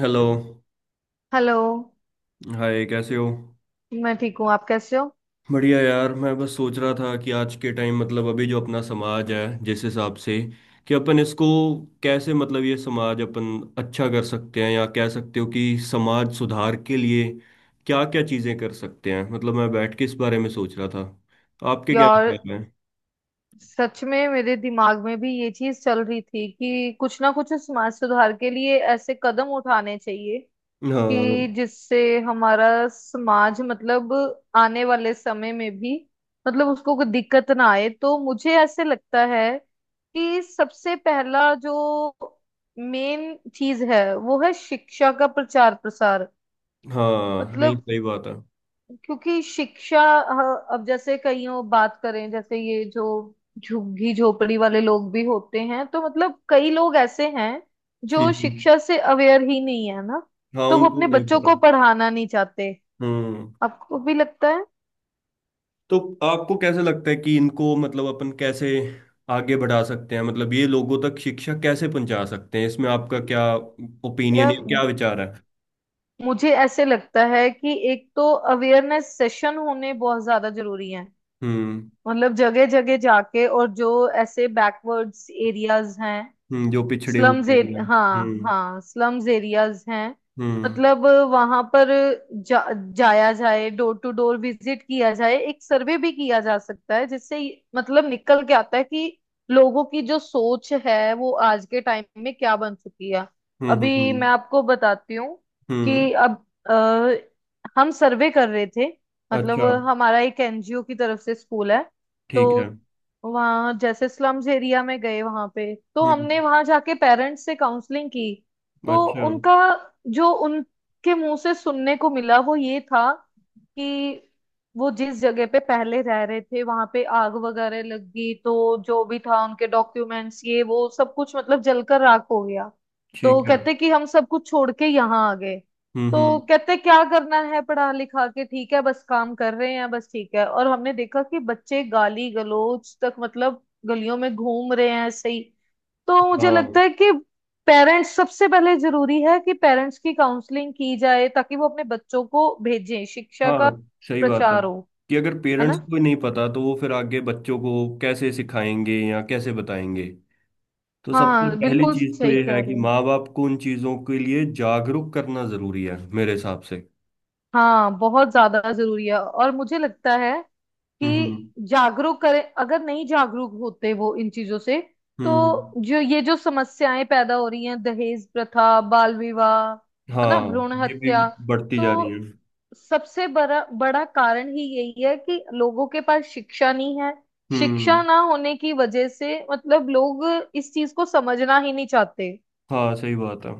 Hello. Hello. Hi, कैसे हो? मैं ठीक हूँ। आप कैसे हो? बढ़िया यार, मैं बस सोच रहा था कि आज के टाइम, मतलब अभी जो अपना समाज है जिस हिसाब से कि अपन इसको कैसे, मतलब ये समाज अपन अच्छा कर सकते हैं, या कह सकते हो कि समाज सुधार के लिए क्या क्या चीज़ें कर सकते हैं। मतलब मैं बैठ के इस बारे में सोच रहा था, आपके क्या यार विचार हैं? सच में मेरे दिमाग में भी ये चीज चल रही थी कि कुछ ना कुछ समाज सुधार के लिए ऐसे कदम उठाने चाहिए हाँ। कि जिससे हमारा समाज, मतलब आने वाले समय में भी, मतलब उसको कोई दिक्कत ना आए। तो मुझे ऐसे लगता है कि सबसे पहला जो मेन चीज है वो है शिक्षा का प्रचार प्रसार। हाँ, नहीं, मतलब सही बात है। क्योंकि शिक्षा अब जैसे कईयों बात करें, जैसे ये जो झुग्गी झोपड़ी वाले लोग भी होते हैं, तो मतलब कई लोग ऐसे हैं जो हम्म, शिक्षा से अवेयर ही नहीं है ना। हाँ, तो वो उनको अपने नहीं बच्चों पता। को पढ़ाना नहीं चाहते। हम्म आपको भी लगता है? तो आपको कैसे लगता है कि इनको, मतलब अपन कैसे आगे बढ़ा सकते हैं, मतलब ये लोगों तक शिक्षा कैसे पहुंचा सकते हैं? इसमें आपका क्या ओपिनियन या है, क्या मु- विचार है? मुझे ऐसे लगता है कि एक तो अवेयरनेस सेशन होने बहुत ज्यादा जरूरी है। हम्म मतलब जगह जगह जाके, और जो ऐसे बैकवर्ड्स एरियाज हैं, हम्म, जो पिछड़े स्लम्स हुए एरिया एरिया, हैं। हाँ हम्म। हाँ, स्लम्स एरियाज हैं। हम्म। मतलब वहां पर जा, जाया जाए, डोर टू डोर विजिट किया जाए, एक सर्वे भी किया जा सकता है जिससे ये- मतलब निकल के आता है कि लोगों की जो सोच है वो आज के टाइम में क्या बन चुकी है। हम्म। हम्म। अभी हम्म। मैं आपको बताती हूँ हम्म। कि अब अ, हम सर्वे कर रहे थे, मतलब अच्छा। हमारा एक एनजीओ की तरफ से स्कूल है। तो ठीक है। वहाँ जैसे स्लम्स एरिया में गए, वहां पे तो हम्म। हमने वहां जाके पेरेंट्स से काउंसलिंग की। तो अच्छा। उनका, जो उनके मुंह से सुनने को मिला वो ये था कि वो जिस जगह पे पहले रह रहे थे वहां पे आग वगैरह लग गई, तो जो भी था उनके डॉक्यूमेंट्स ये वो सब कुछ मतलब जलकर राख हो गया। ठीक तो है। कहते कि हम सब कुछ छोड़ के यहाँ आ गए। हम्म। तो हम्म। कहते क्या करना है पढ़ा लिखा के, ठीक है बस काम कर रहे हैं, बस ठीक है। और हमने देखा कि बच्चे गाली गलौज तक, मतलब गलियों में घूम रहे हैं ऐसे ही। तो मुझे हाँ। लगता है कि पेरेंट्स, सबसे पहले जरूरी है कि पेरेंट्स की काउंसलिंग की जाए ताकि वो अपने बच्चों को भेजें, शिक्षा का हाँ, सही बात है प्रचार हो। कि अगर है पेरेंट्स ना? को ही नहीं पता तो वो फिर आगे बच्चों को कैसे सिखाएंगे या कैसे बताएंगे। तो सबसे हाँ पहली बिल्कुल चीज तो सही ये है कह कि रहे हो। माँ बाप को उन चीजों के लिए जागरूक करना जरूरी है मेरे हिसाब से। हाँ बहुत ज्यादा जरूरी है, और मुझे लगता है कि हम्म। जागरूक करें। अगर नहीं जागरूक होते वो इन चीजों से, तो हम्म। जो ये जो समस्याएं पैदा हो रही हैं, दहेज प्रथा, बाल विवाह, है ना, हाँ, भ्रूण ये भी हत्या, बढ़ती तो जा रही है। सबसे बड़ा बड़ा कारण ही यही है कि लोगों के पास शिक्षा नहीं है। शिक्षा हम्म। ना होने की वजह से मतलब लोग इस चीज को समझना ही नहीं चाहते। हाँ, सही बात है।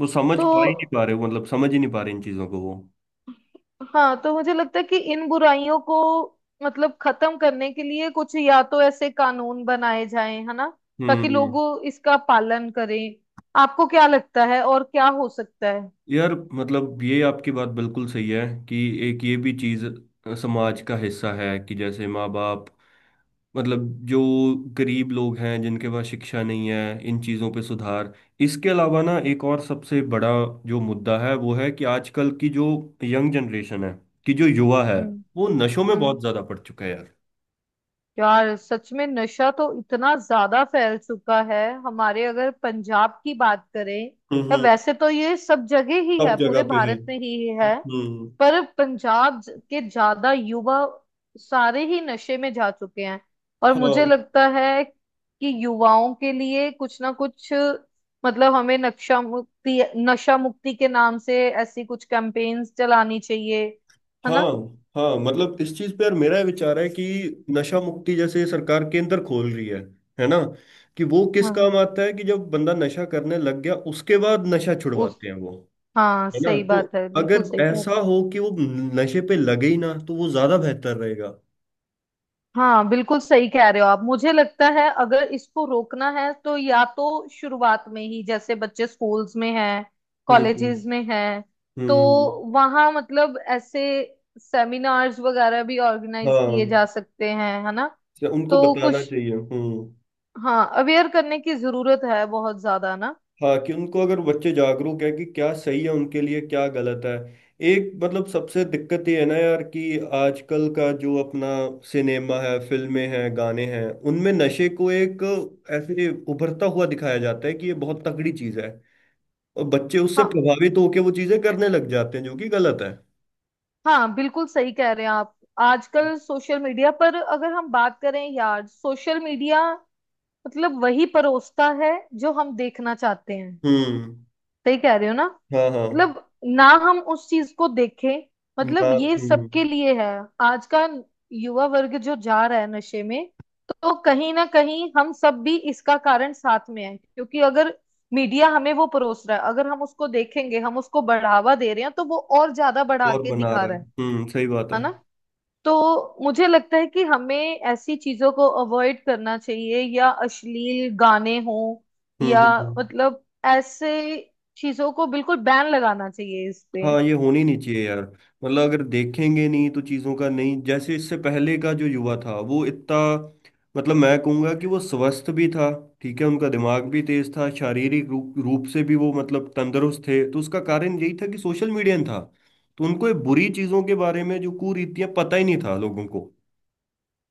वो समझ पा ही नहीं तो पा रहे, मतलब समझ ही नहीं पा रहे इन चीजों को वो। हाँ, तो मुझे लगता है कि इन बुराइयों को मतलब खत्म करने के लिए कुछ या तो ऐसे कानून बनाए जाएं, है ना, ताकि हम्म। लोग इसका पालन करें। आपको क्या लगता है और क्या हो सकता है? यार, मतलब ये आपकी बात बिल्कुल सही है कि एक ये भी चीज समाज का हिस्सा है कि जैसे माँ बाप, मतलब जो गरीब लोग हैं जिनके पास शिक्षा नहीं है, इन चीज़ों पे सुधार। इसके अलावा ना एक और सबसे बड़ा जो मुद्दा है वो है कि आजकल की जो यंग जनरेशन है, कि जो युवा है, हम्म। वो नशों में हम्म। बहुत ज़्यादा पड़ चुका है यार। यार सच में नशा तो इतना ज्यादा फैल चुका है। हमारे अगर पंजाब की बात करें, या हम्म। वैसे तो ये सब जगह ही सब है, जगह पूरे पे है। भारत में ही है। हम्म। पर पंजाब के ज्यादा युवा सारे ही नशे में जा चुके हैं। और हाँ। मुझे लगता है कि युवाओं के लिए कुछ ना कुछ, मतलब हमें नक्शा मुक्ति नशा मुक्ति के नाम से ऐसी कुछ कैंपेन्स चलानी चाहिए। है ना? हाँ, हाँ मतलब इस चीज पे यार मेरा ये विचार है कि नशा मुक्ति जैसे सरकार केंद्र खोल रही है ना, कि वो किस हाँ काम आता है कि जब बंदा नशा करने लग गया उसके बाद नशा उस छुड़वाते हैं वो। हाँ है ना, सही तो बात है, बिल्कुल अगर सही कह रहे हो। ऐसा हो कि वो नशे पे लगे ही ना तो वो ज्यादा बेहतर रहेगा। हाँ बिल्कुल सही कह रहे हो आप। मुझे लगता है अगर इसको रोकना है तो या तो शुरुआत में ही, जैसे बच्चे स्कूल्स में हैं, हम्म। कॉलेजेस में हैं, तो हम्म, वहाँ मतलब ऐसे सेमिनार्स वगैरह भी ऑर्गेनाइज किए हाँ, जा सकते हैं। है ना? तो उनको तो बताना कुछ, चाहिए। हम्म। हाँ अवेयर करने की जरूरत है बहुत ज्यादा ना। हाँ, कि उनको, अगर बच्चे जागरूक है कि क्या सही है उनके लिए, क्या गलत है। एक, मतलब सबसे दिक्कत ये है ना यार कि आजकल का जो अपना सिनेमा है, फिल्में हैं, गाने हैं, उनमें नशे को एक ऐसे उभरता हुआ दिखाया जाता है कि ये बहुत तगड़ी चीज है, और बच्चे उससे हाँ प्रभावित होकर वो चीजें करने लग जाते हैं जो कि गलत है। हाँ बिल्कुल सही कह रहे हैं आप। आजकल सोशल मीडिया पर अगर हम बात करें, यार सोशल मीडिया मतलब वही परोसता है जो हम देखना चाहते हैं। हम्म। सही कह रहे हो ना? हाँ, हाँ। मतलब ना हम उस चीज को देखें, ना। मतलब ये हम्म सबके लिए है। आज का युवा वर्ग जो जा रहा है नशे में, तो कहीं ना कहीं हम सब भी इसका कारण साथ में है, क्योंकि अगर मीडिया हमें वो परोस रहा है, अगर हम उसको देखेंगे, हम उसको बढ़ावा दे रहे हैं, तो वो और ज्यादा बढ़ा और के बना दिखा रहा है। रहा है। हम्म, सही बात है। है हम्म। ना? तो मुझे लगता है कि हमें ऐसी चीजों को अवॉइड करना चाहिए, या अश्लील गाने हों, हम्म या हम्म। मतलब ऐसे चीजों को बिल्कुल बैन लगाना चाहिए इस पे। हाँ, ये होनी नहीं चाहिए यार। मतलब अगर देखेंगे नहीं तो चीज़ों का नहीं, जैसे इससे पहले का जो युवा था वो इतना, मतलब मैं कहूँगा कि वो स्वस्थ भी था, ठीक है, उनका दिमाग भी तेज था, शारीरिक रूप रूप से भी वो मतलब तंदुरुस्त थे, तो उसका कारण यही था कि सोशल मीडिया था, तो उनको ये बुरी चीज़ों के बारे में जो कुरीतियाँ, पता ही नहीं था लोगों को।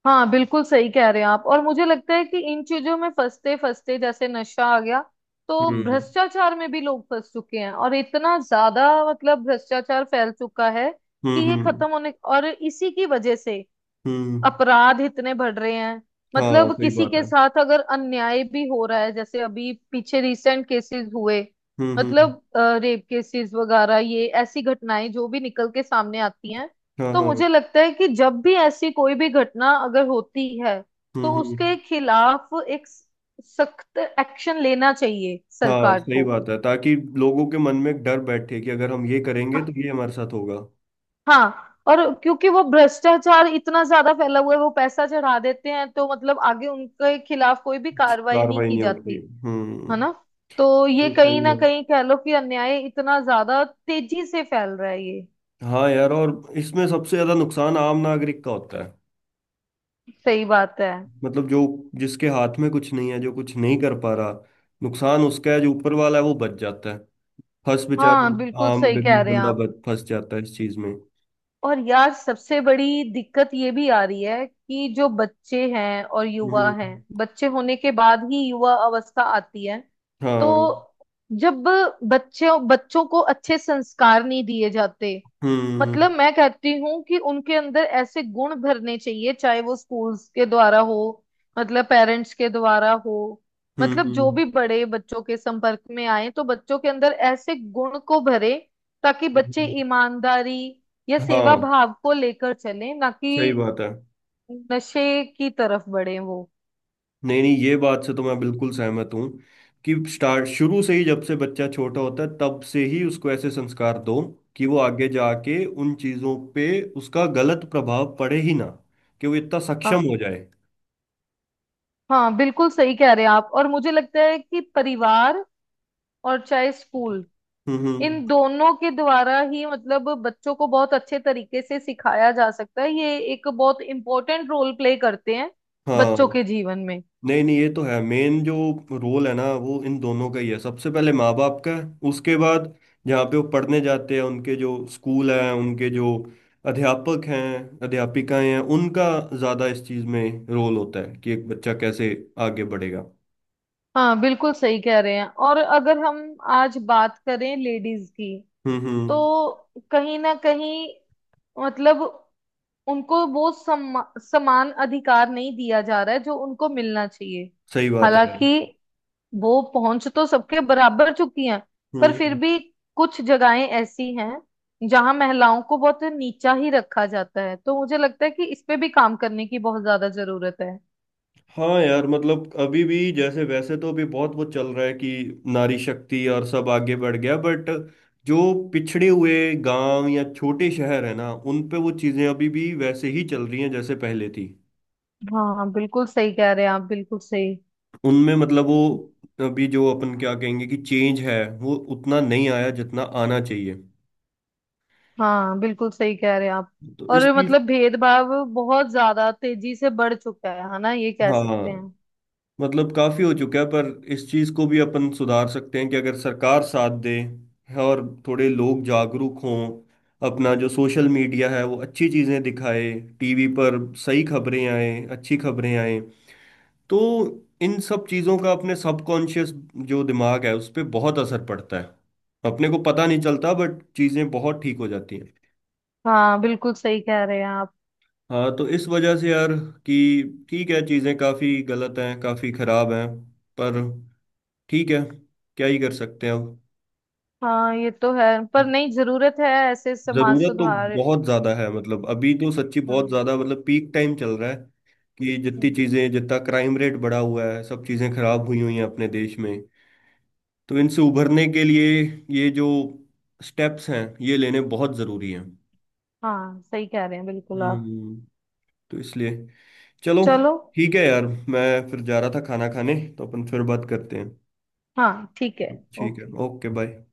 हाँ बिल्कुल सही कह रहे हैं आप। और मुझे लगता है कि इन चीजों में फंसते फंसते, जैसे नशा आ गया, तो हम्म। भ्रष्टाचार में भी लोग फंस चुके हैं और इतना ज्यादा मतलब भ्रष्टाचार फैल चुका है कि हम्म। ये हम्म। खत्म होने, और इसी की वजह से हम्म। अपराध इतने बढ़ रहे हैं। हाँ, मतलब सही किसी बात के है। साथ अगर अन्याय भी हो रहा है, जैसे अभी पीछे रिसेंट केसेस हुए, हम्म। हम्म। मतलब रेप केसेस वगैरह, ये ऐसी घटनाएं जो भी निकल के सामने आती हैं, हाँ, तो हाँ। मुझे लगता है कि जब भी ऐसी कोई भी घटना अगर होती है, तो हम्म। हम्म। उसके खिलाफ एक सख्त एक्शन लेना चाहिए हाँ, सरकार सही को। बात है, ताकि लोगों के मन में एक डर बैठे कि अगर हम ये करेंगे तो ये हमारे साथ होगा। हाँ, और क्योंकि वो भ्रष्टाचार इतना ज्यादा फैला हुआ है, वो पैसा चढ़ा देते हैं, तो मतलब आगे उनके खिलाफ कोई भी कुछ कार्रवाई नहीं कार्रवाई की नहीं होती जाती। है। है हम्म। ना? तो ये ये कहीं सही ना है। कहीं कह लो कि अन्याय इतना ज्यादा तेजी से फैल रहा है ये। हाँ यार, और इसमें सबसे ज्यादा नुकसान आम नागरिक का होता है। सही बात है। मतलब जो, जिसके हाथ में कुछ नहीं है, जो कुछ नहीं कर पा रहा, नुकसान उसका है। जो ऊपर वाला है वो बच जाता है, फंस हाँ बेचारा बिल्कुल आम सही कह गरीब रहे हैं बंदा आप। बच फंस जाता है इस चीज में। और यार सबसे बड़ी दिक्कत ये भी आ रही है कि जो बच्चे हैं और युवा हम्म। हैं, बच्चे होने के बाद ही युवा अवस्था आती है, तो हाँ। जब बच्चों बच्चों को अच्छे संस्कार नहीं दिए जाते, हम्म। मतलब मैं कहती हूँ कि उनके अंदर ऐसे गुण भरने चाहिए, चाहे वो स्कूल्स के द्वारा हो, मतलब पेरेंट्स के द्वारा हो, हम्म। मतलब जो हम्म। भी बड़े बच्चों के संपर्क में आए तो बच्चों के अंदर ऐसे गुण को भरे, ताकि बच्चे हम्म, ईमानदारी या सेवा हाँ, भाव को लेकर चलें, ना कि सही बात है। नशे की तरफ बढ़े वो। नहीं नहीं, ये बात से तो मैं बिल्कुल सहमत हूँ कि स्टार्ट, शुरू से ही, जब से बच्चा छोटा होता है तब से ही उसको ऐसे संस्कार दो कि वो आगे जाके उन चीजों पे, उसका गलत प्रभाव पड़े ही ना, कि वो इतना सक्षम हाँ हो जाए। हाँ बिल्कुल सही कह रहे हैं आप। और मुझे लगता है कि परिवार, और चाहे स्कूल, हम्म। इन दोनों के द्वारा ही मतलब बच्चों को बहुत अच्छे तरीके से सिखाया जा सकता है। ये एक बहुत इम्पोर्टेंट रोल प्ले करते हैं हाँ, बच्चों के जीवन में। नहीं नहीं ये तो है, मेन जो रोल है ना वो इन दोनों का ही है, सबसे पहले माँ बाप का है, उसके बाद जहाँ पे वो पढ़ने जाते हैं, उनके जो स्कूल हैं, उनके जो अध्यापक हैं, अध्यापिकाएं हैं, उनका ज़्यादा इस चीज़ में रोल होता है कि एक बच्चा कैसे आगे बढ़ेगा। हाँ बिल्कुल सही कह रहे हैं। और अगर हम आज बात करें लेडीज की, हम्म। हम्म, तो कहीं ना कहीं मतलब उनको वो समान अधिकार नहीं दिया जा रहा है जो उनको मिलना चाहिए। सही बात है। हालांकि वो पहुंच तो सबके बराबर चुकी हैं, हम्म। पर फिर हम्म। भी कुछ जगहें ऐसी हैं जहां महिलाओं को बहुत नीचा ही रखा जाता है। तो मुझे लगता है कि इस पे भी काम करने की बहुत ज्यादा जरूरत है। हाँ यार, मतलब अभी भी, जैसे वैसे तो अभी बहुत वो चल रहा है कि नारी शक्ति और सब आगे बढ़ गया, बट जो पिछड़े हुए गांव या छोटे शहर है ना, उन पे वो चीजें अभी भी वैसे ही चल रही हैं जैसे पहले थी। हाँ बिल्कुल सही कह रहे हैं आप, बिल्कुल सही। उनमें मतलब वो, अभी जो अपन क्या कहेंगे कि चेंज है, वो उतना नहीं आया जितना आना चाहिए। हाँ बिल्कुल सही कह रहे हैं आप। तो और इस चीज। मतलब भेदभाव बहुत ज्यादा तेजी से बढ़ चुका है ना, ये कह हाँ, सकते हैं। मतलब काफी हो चुका है, पर इस चीज को भी अपन सुधार सकते हैं कि अगर सरकार साथ दे, और थोड़े लोग जागरूक हों, अपना जो सोशल मीडिया है वो अच्छी चीजें दिखाए, टीवी पर सही खबरें आए, अच्छी खबरें आए, तो इन सब चीजों का अपने सबकॉन्शियस, जो दिमाग है उस पर बहुत असर पड़ता है। अपने को पता नहीं चलता बट चीजें बहुत ठीक हो जाती हैं। हाँ बिल्कुल सही कह रहे हैं आप। हाँ, तो इस वजह से यार, कि ठीक है, चीजें काफी गलत हैं, काफी खराब हैं, पर ठीक है, क्या ही कर सकते हैं अब। हाँ ये तो है, पर नहीं, जरूरत है ऐसे समाज जरूरत तो सुधार। बहुत ज्यादा है, मतलब अभी तो सच्ची बहुत हम्म। ज्यादा, मतलब पीक टाइम चल रहा है कि जितनी हम्म। चीजें, जितना क्राइम रेट बढ़ा हुआ है, सब चीजें खराब हुई हुई हैं अपने देश में। तो इनसे उभरने के लिए ये जो स्टेप्स हैं ये लेने बहुत जरूरी हैं। हाँ सही कह रहे हैं बिल्कुल आप। हम्म। तो इसलिए चलो, चलो, ठीक है यार, मैं फिर जा रहा था खाना खाने, तो अपन फिर बात करते हैं। हाँ ठीक है, ठीक है, ओके। Okay, bye.